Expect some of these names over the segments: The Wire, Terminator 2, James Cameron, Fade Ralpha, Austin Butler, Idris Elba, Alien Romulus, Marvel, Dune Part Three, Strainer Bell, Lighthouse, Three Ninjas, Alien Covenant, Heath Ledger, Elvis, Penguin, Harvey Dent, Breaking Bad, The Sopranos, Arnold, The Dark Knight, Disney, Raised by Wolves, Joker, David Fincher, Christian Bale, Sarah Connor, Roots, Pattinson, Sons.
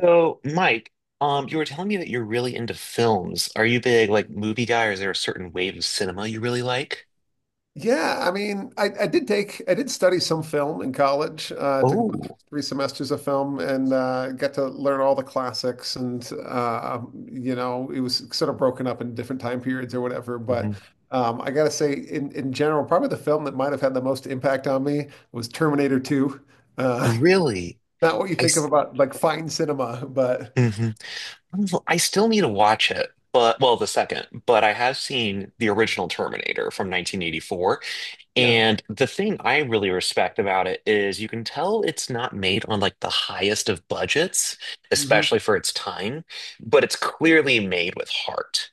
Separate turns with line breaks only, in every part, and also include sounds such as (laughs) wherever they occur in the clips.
So, Mike, you were telling me that you're really into films. Are you big like movie guy, or is there a certain wave of cinema you really like?
Yeah, I mean, I did study some film in college. Took about
Oh,
three semesters of film, and got to learn all the classics. And it was sort of broken up in different time periods or whatever. But
mhm.
I gotta say, in general, probably the film that might have had the most impact on me was Terminator 2. Uh,
Really?
(laughs) not what you
I
think of
s-
about like fine cinema, but
mhm. Well, I still need to watch it, but well, the second, but I have seen the original Terminator from 1984,
yeah,
and the thing I really respect about it is you can tell it's not made on like the highest of budgets,
hmm,
especially for its time, but it's clearly made with heart.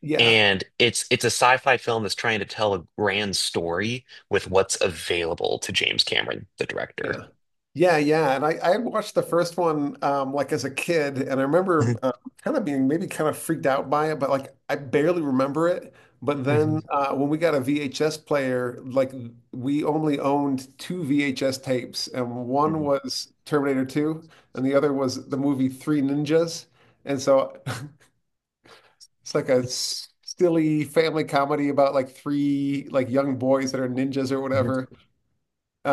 yeah.
And it's a sci-fi film that's trying to tell a grand story with what's available to James Cameron, the director.
Yeah. Yeah, yeah. And I had watched the first one like as a kid, and I remember
Mhm,
kind of being maybe kind of freaked out by it, but like I barely remember it. But
mhm,
then when we got a VHS player, like we only owned two VHS tapes, and one
mhm,
was Terminator 2, and the other was the movie Three Ninjas. And so (laughs) it's like a silly family comedy about like three like young boys that are ninjas or
mhm.
whatever.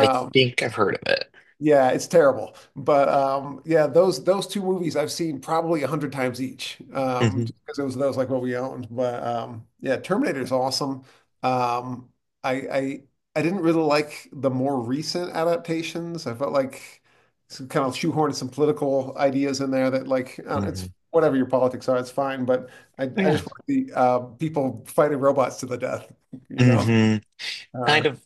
I think I've heard of it.
Yeah, it's terrible. But yeah, those two movies I've seen probably 100 times each,
Hmm
just because it was those like what we owned. But yeah, Terminator is awesome. Um, I I didn't really like the more recent adaptations. I felt like some kind of shoehorned some political ideas in there that like
hmm
it's whatever your politics are, it's fine. But I
Oh,
I
yeah.
just want the people fighting robots to the death, (laughs) you know?
hmm
Uh,
Kind of.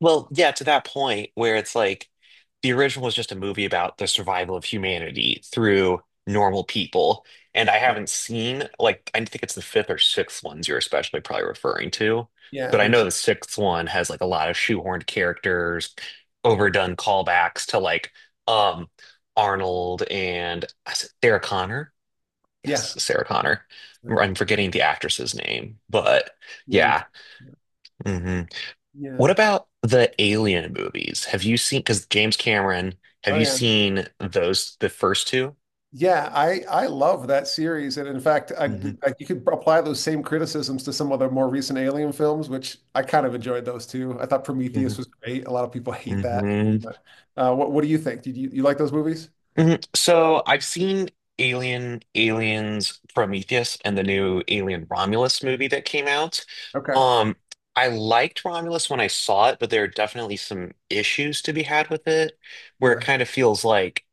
Well, yeah, to that point where it's like the original was just a movie about the survival of humanity through normal people. And I
yeah,
haven't seen, like, I think it's the fifth or sixth ones you're especially probably referring to.
yeah, I
But I
think
know
so.
the sixth one has like a lot of shoehorned characters, overdone callbacks to like um Arnold and is it Sarah Connor. Yes,
Yeah,
Sarah Connor. I'm forgetting the actress's name, but
yeah, me
yeah.
too.
Mm-hmm. What
Yeah.
about the Alien movies? Have you seen, because James Cameron, have
Oh
you
yeah.
seen those, the first two?
Yeah, I love that series, and in fact I, d-
Hmm
I- you could apply those same criticisms to some of the more recent Alien films, which I kind of enjoyed those too. I thought Prometheus was great. A lot of people
hmm
hate that.
mm-hmm.
But what do you think? Did you like those movies?
hmm So I've seen Alien, Aliens, Prometheus, and the new Alien Romulus movie that came out.
Okay.
Um, I liked Romulus when I saw it, but there are definitely some issues to be had with it, where it
Yeah.
kind of feels like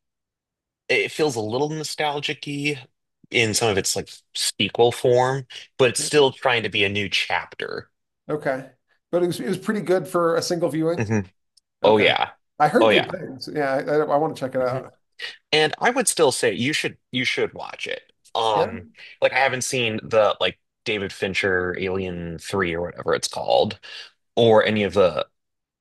it feels a little nostalgic-y in some of its like sequel form, but it's
Yeah.
still trying to be a new chapter.
Okay. But it was pretty good for a single viewing.
Hmm Oh
Okay.
yeah.
I
Oh
heard good
yeah.
things. Yeah, I want to check it
hmm
out.
And I would still say you should watch it.
Yeah.
Um, like I haven't seen the like David Fincher Alien 3 or whatever it's called, or any of the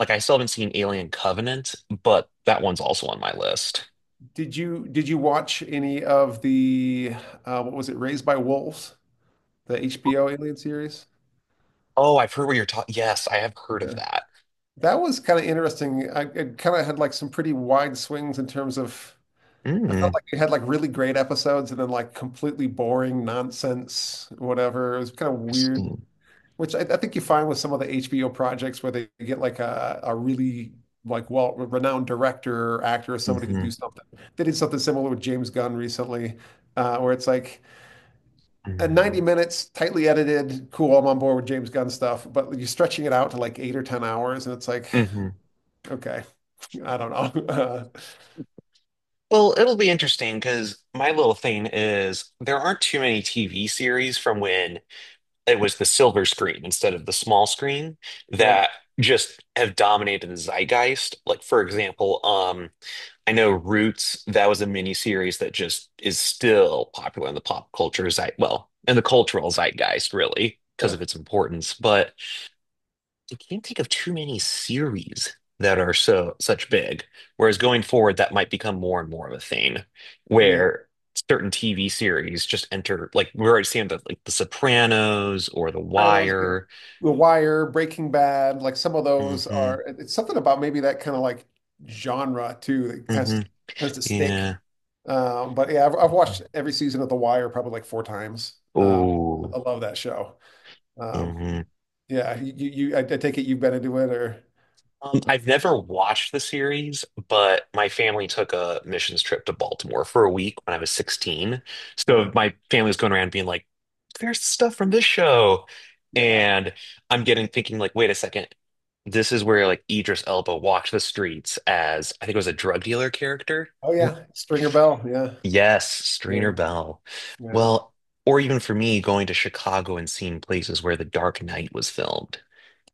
like I still haven't seen Alien Covenant, but that one's also on my list.
Did you watch any of the what was it? Raised by Wolves, the HBO Alien series?
Oh, I've heard what you're talking. Yes, I have heard of that.
That was kind of interesting. I It kind of had like some pretty wide swings in terms of, I felt
Mm,
like it had like really great episodes and then like completely boring nonsense, whatever. It was kind of weird,
interesting.
which I think you find with some of the HBO projects where they get like a really like well renowned director or actor or somebody to do
Hmm
something. They did something similar with James Gunn recently, where it's like
hmm
90 minutes, tightly edited, cool, I'm on board with James Gunn stuff, but you're stretching it out to like eight or 10 hours, and it's like,
hmm
okay. I don't know. (laughs)
Well, it'll be interesting because my little thing is there aren't too many TV series from when it was the silver screen instead of the small screen
Right.
that just have dominated the zeitgeist. Like for example, I know Roots, that was a mini series that just is still popular in the pop culture zeit, well, in the cultural zeitgeist really because of
Yeah.
its importance. But I can't think of too many series that are so such big. Whereas going forward, that might become more and more of a thing,
Yeah.
where certain TV series just enter. Like we're already seeing the like The Sopranos or The
Sopranos, yeah.
Wire.
The Wire, Breaking Bad, like some of those
Hmm
are. It's something about maybe that kind of like genre too that tends
hmm
to, tends to stick.
Yeah.
But yeah, I've watched every season of The Wire probably like four times.
Oh.
I love that show. Um,
hmm
yeah, I take it you've been into it or
I've never watched the series, but my family took a missions trip to Baltimore for a week when I was 16. So
yeah,
my family was going around being like, there's stuff from this show.
yeah.
And I'm getting thinking like, wait a second. This is where like Idris Elba walked the streets as I think it was a drug dealer character.
Oh
Mm,
yeah, Stringer Bell. Yeah,
yes, Strainer
yeah,
Bell.
yeah.
Well, or even for me, going to Chicago and seeing places where The Dark Knight was filmed.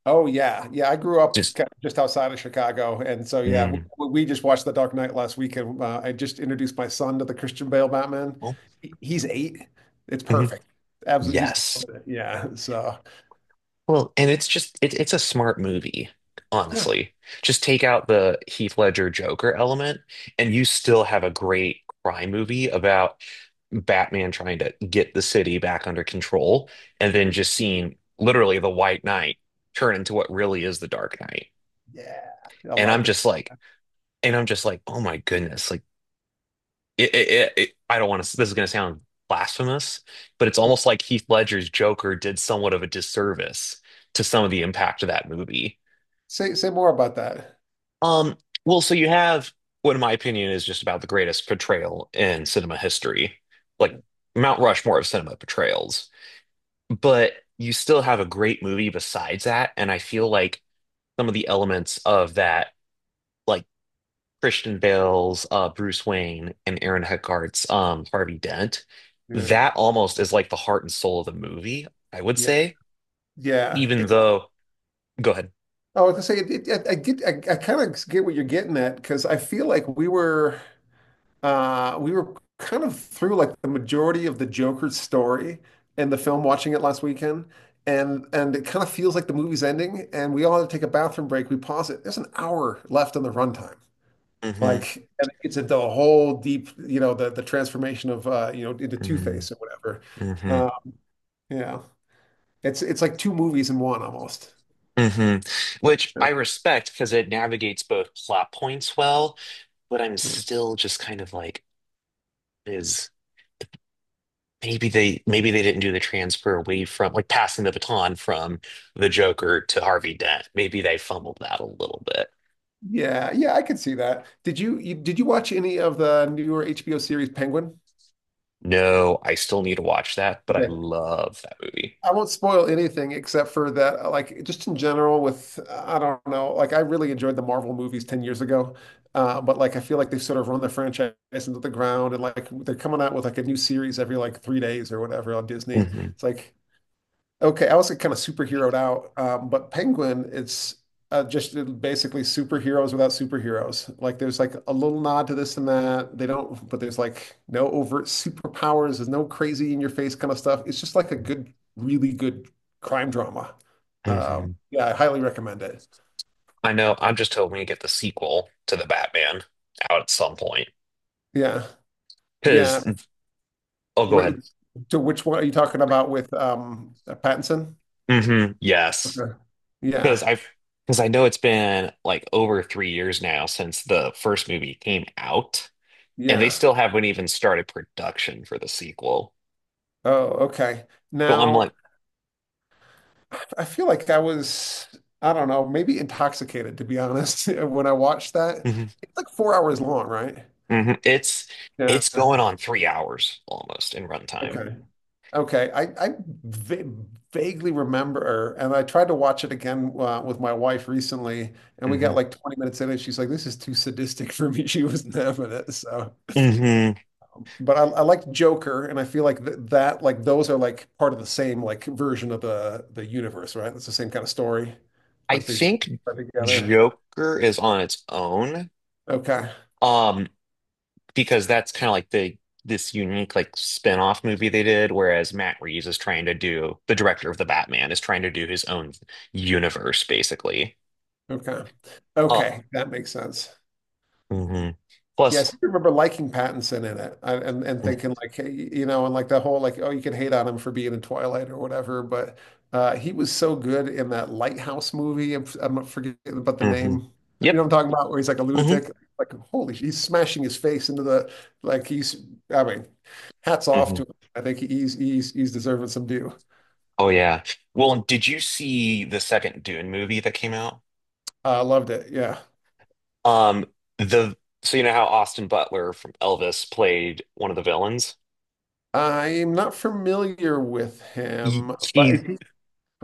Oh yeah, yeah. I grew up
Just,
kind of just outside of Chicago, and so yeah,
mm,
we just watched The Dark Knight last week, and I just introduced my son to the Christian Bale Batman.
oh,
He's 8. It's
mhm,
perfect. Absolutely, he's
yes.
loving it. Yeah. So
Well, and it's just it's a smart movie,
yeah,
honestly. Just take out the Heath Ledger Joker element, and you still have a great crime movie about Batman trying to get the city back under control, and then just seeing literally the White Knight turn into what really is the Dark Knight.
yeah. I
And I'm
loved it.
just like, oh my goodness, like I don't want to. This is going to sound blasphemous, but it's almost like Heath Ledger's Joker did somewhat of a disservice to some of the impact of that movie.
Say more about that.
Um, well, so you have what, in my opinion, is just about the greatest portrayal in cinema history, like Mount Rushmore of cinema portrayals. But you still have a great movie besides that, and I feel like some of the elements of that, like Christian Bale's, Bruce Wayne, and Aaron Eckhart's, Harvey Dent,
Yeah.
that almost is like the heart and soul of the movie, I would
Yeah.
say.
Yeah.
Even
It's, oh,
though, go ahead.
I was gonna say, it, I get, I kind of get what you're getting at because I feel like we were. We were kind of through like the majority of the Joker's story and the film watching it last weekend. And it kind of feels like the movie's ending, and we all had to take a bathroom break. We pause it. There's an hour left on the runtime.
Hmm
Like, and it gets into a whole deep, you know, the transformation of you know, into
hmm
Two-Face or whatever.
hmm
Uh, yeah. It's like two movies in one almost.
hmm Which I respect because it navigates both plot points well, but I'm
Yeah.
still just kind of like, is maybe they didn't do the transfer away from like passing the baton from the Joker to Harvey Dent. Maybe they fumbled that a little bit.
Yeah, yeah, I could see that. Did you watch any of the newer HBO series Penguin?
No, I still need to watch that, but I love that movie.
I won't spoil anything except for that, like just in general with, I don't know, like I really enjoyed the Marvel movies 10 years ago. But like I feel like they've sort of run the franchise into the ground, and like they're coming out with like a new series every like 3 days or whatever on Disney.
Hmm
It's like, okay, I was kind of superheroed out, but Penguin, it's just basically superheroes without superheroes. Like there's like a little nod to this and that. They don't, but there's like no overt superpowers. There's no crazy in your face kind of stuff. It's just like a good, really good crime drama.
hmm
Yeah, I highly recommend it.
I know. I'm just hoping to get the sequel to the Batman out at some point.
Yeah, yeah.
Because, oh, go
Wh-
ahead.
to which one are you talking about with Pattinson?
Hmm yes.
Okay.
Because
Yeah,
I've, because I know it's been like over 3 years now since the first movie came out, and they
yeah.
still haven't even started production for the sequel.
Oh, okay.
So I'm like,
Now, I feel like I was, I don't know, maybe intoxicated, to be honest, (laughs) when I watched that.
hmm
It's like 4 hours long, right?
hmm
Yeah.
it's going on 3 hours almost in runtime.
Okay. Okay. I va vaguely remember, and I tried to watch it again with my wife recently, and we got
Hmm
like 20 minutes in, and she's like, this is too sadistic for me. (laughs) She wasn't having it. So,
hmm
but I liked Joker, and I feel like th that, like, those are like part of the same, like, version of the universe, right? It's the same kind of story,
I
like, these
think
are together.
Joker is on its own.
Okay.
Um, because that's kind of like the this unique like spin-off movie they did, whereas Matt Reeves is trying to do the director of the Batman is trying to do his own universe basically.
Okay.
Uh,
Okay, that makes sense.
mhm.
Yes, I
Plus,
seem to remember liking Pattinson in it, and thinking like, hey, you know, and like the whole like, oh, you can hate on him for being in Twilight or whatever, but he was so good in that Lighthouse movie. I'm forgetting about the
mm-hmm.
name. You
Yep.
know what I'm talking about, where he's like a
hmm
lunatic. Like holy, he's smashing his face into the like he's. I mean, hats off to
hmm
him. I think he's deserving some due.
Oh yeah. Well, did you see the second Dune movie that came out?
I loved it. Yeah.
Um, the So you know how Austin Butler from Elvis played one of the villains?
I'm not familiar with
He,
him, but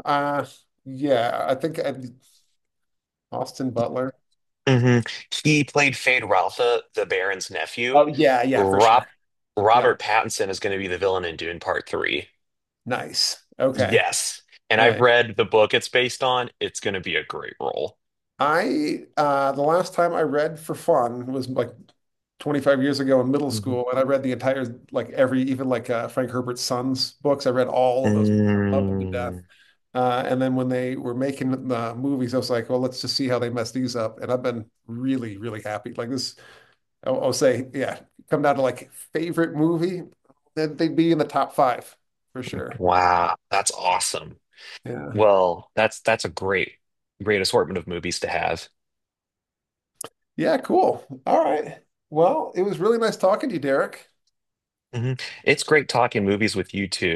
Uh, yeah, I think Austin Butler.
hmm He played Fade Ralpha, the Baron's nephew.
Oh yeah, yeah, for sure.
Rob
Yeah,
Robert Pattinson is going to be the villain in Dune Part Three.
nice. Okay.
Yes, and I've
Yeah.
read the book it's based on. It's going to be a great role.
I the last time I read for fun was like 25 years ago in middle
Mhm.
school, and I read the entire like every even like Frank Herbert's Sons books. I read all of those. I loved them to
Mm,
death. And then when they were making the movies, I was like, well, let's just see how they mess these up. And I've been really, really happy. Like this I'll say, yeah, come down to like favorite movie, then they'd be in the top five for sure.
wow, that's awesome.
Yeah.
Well, that's great assortment of movies to have.
Yeah, cool. All right. Well, it was really nice talking to you, Derek.
Hmm It's great talking movies with you too.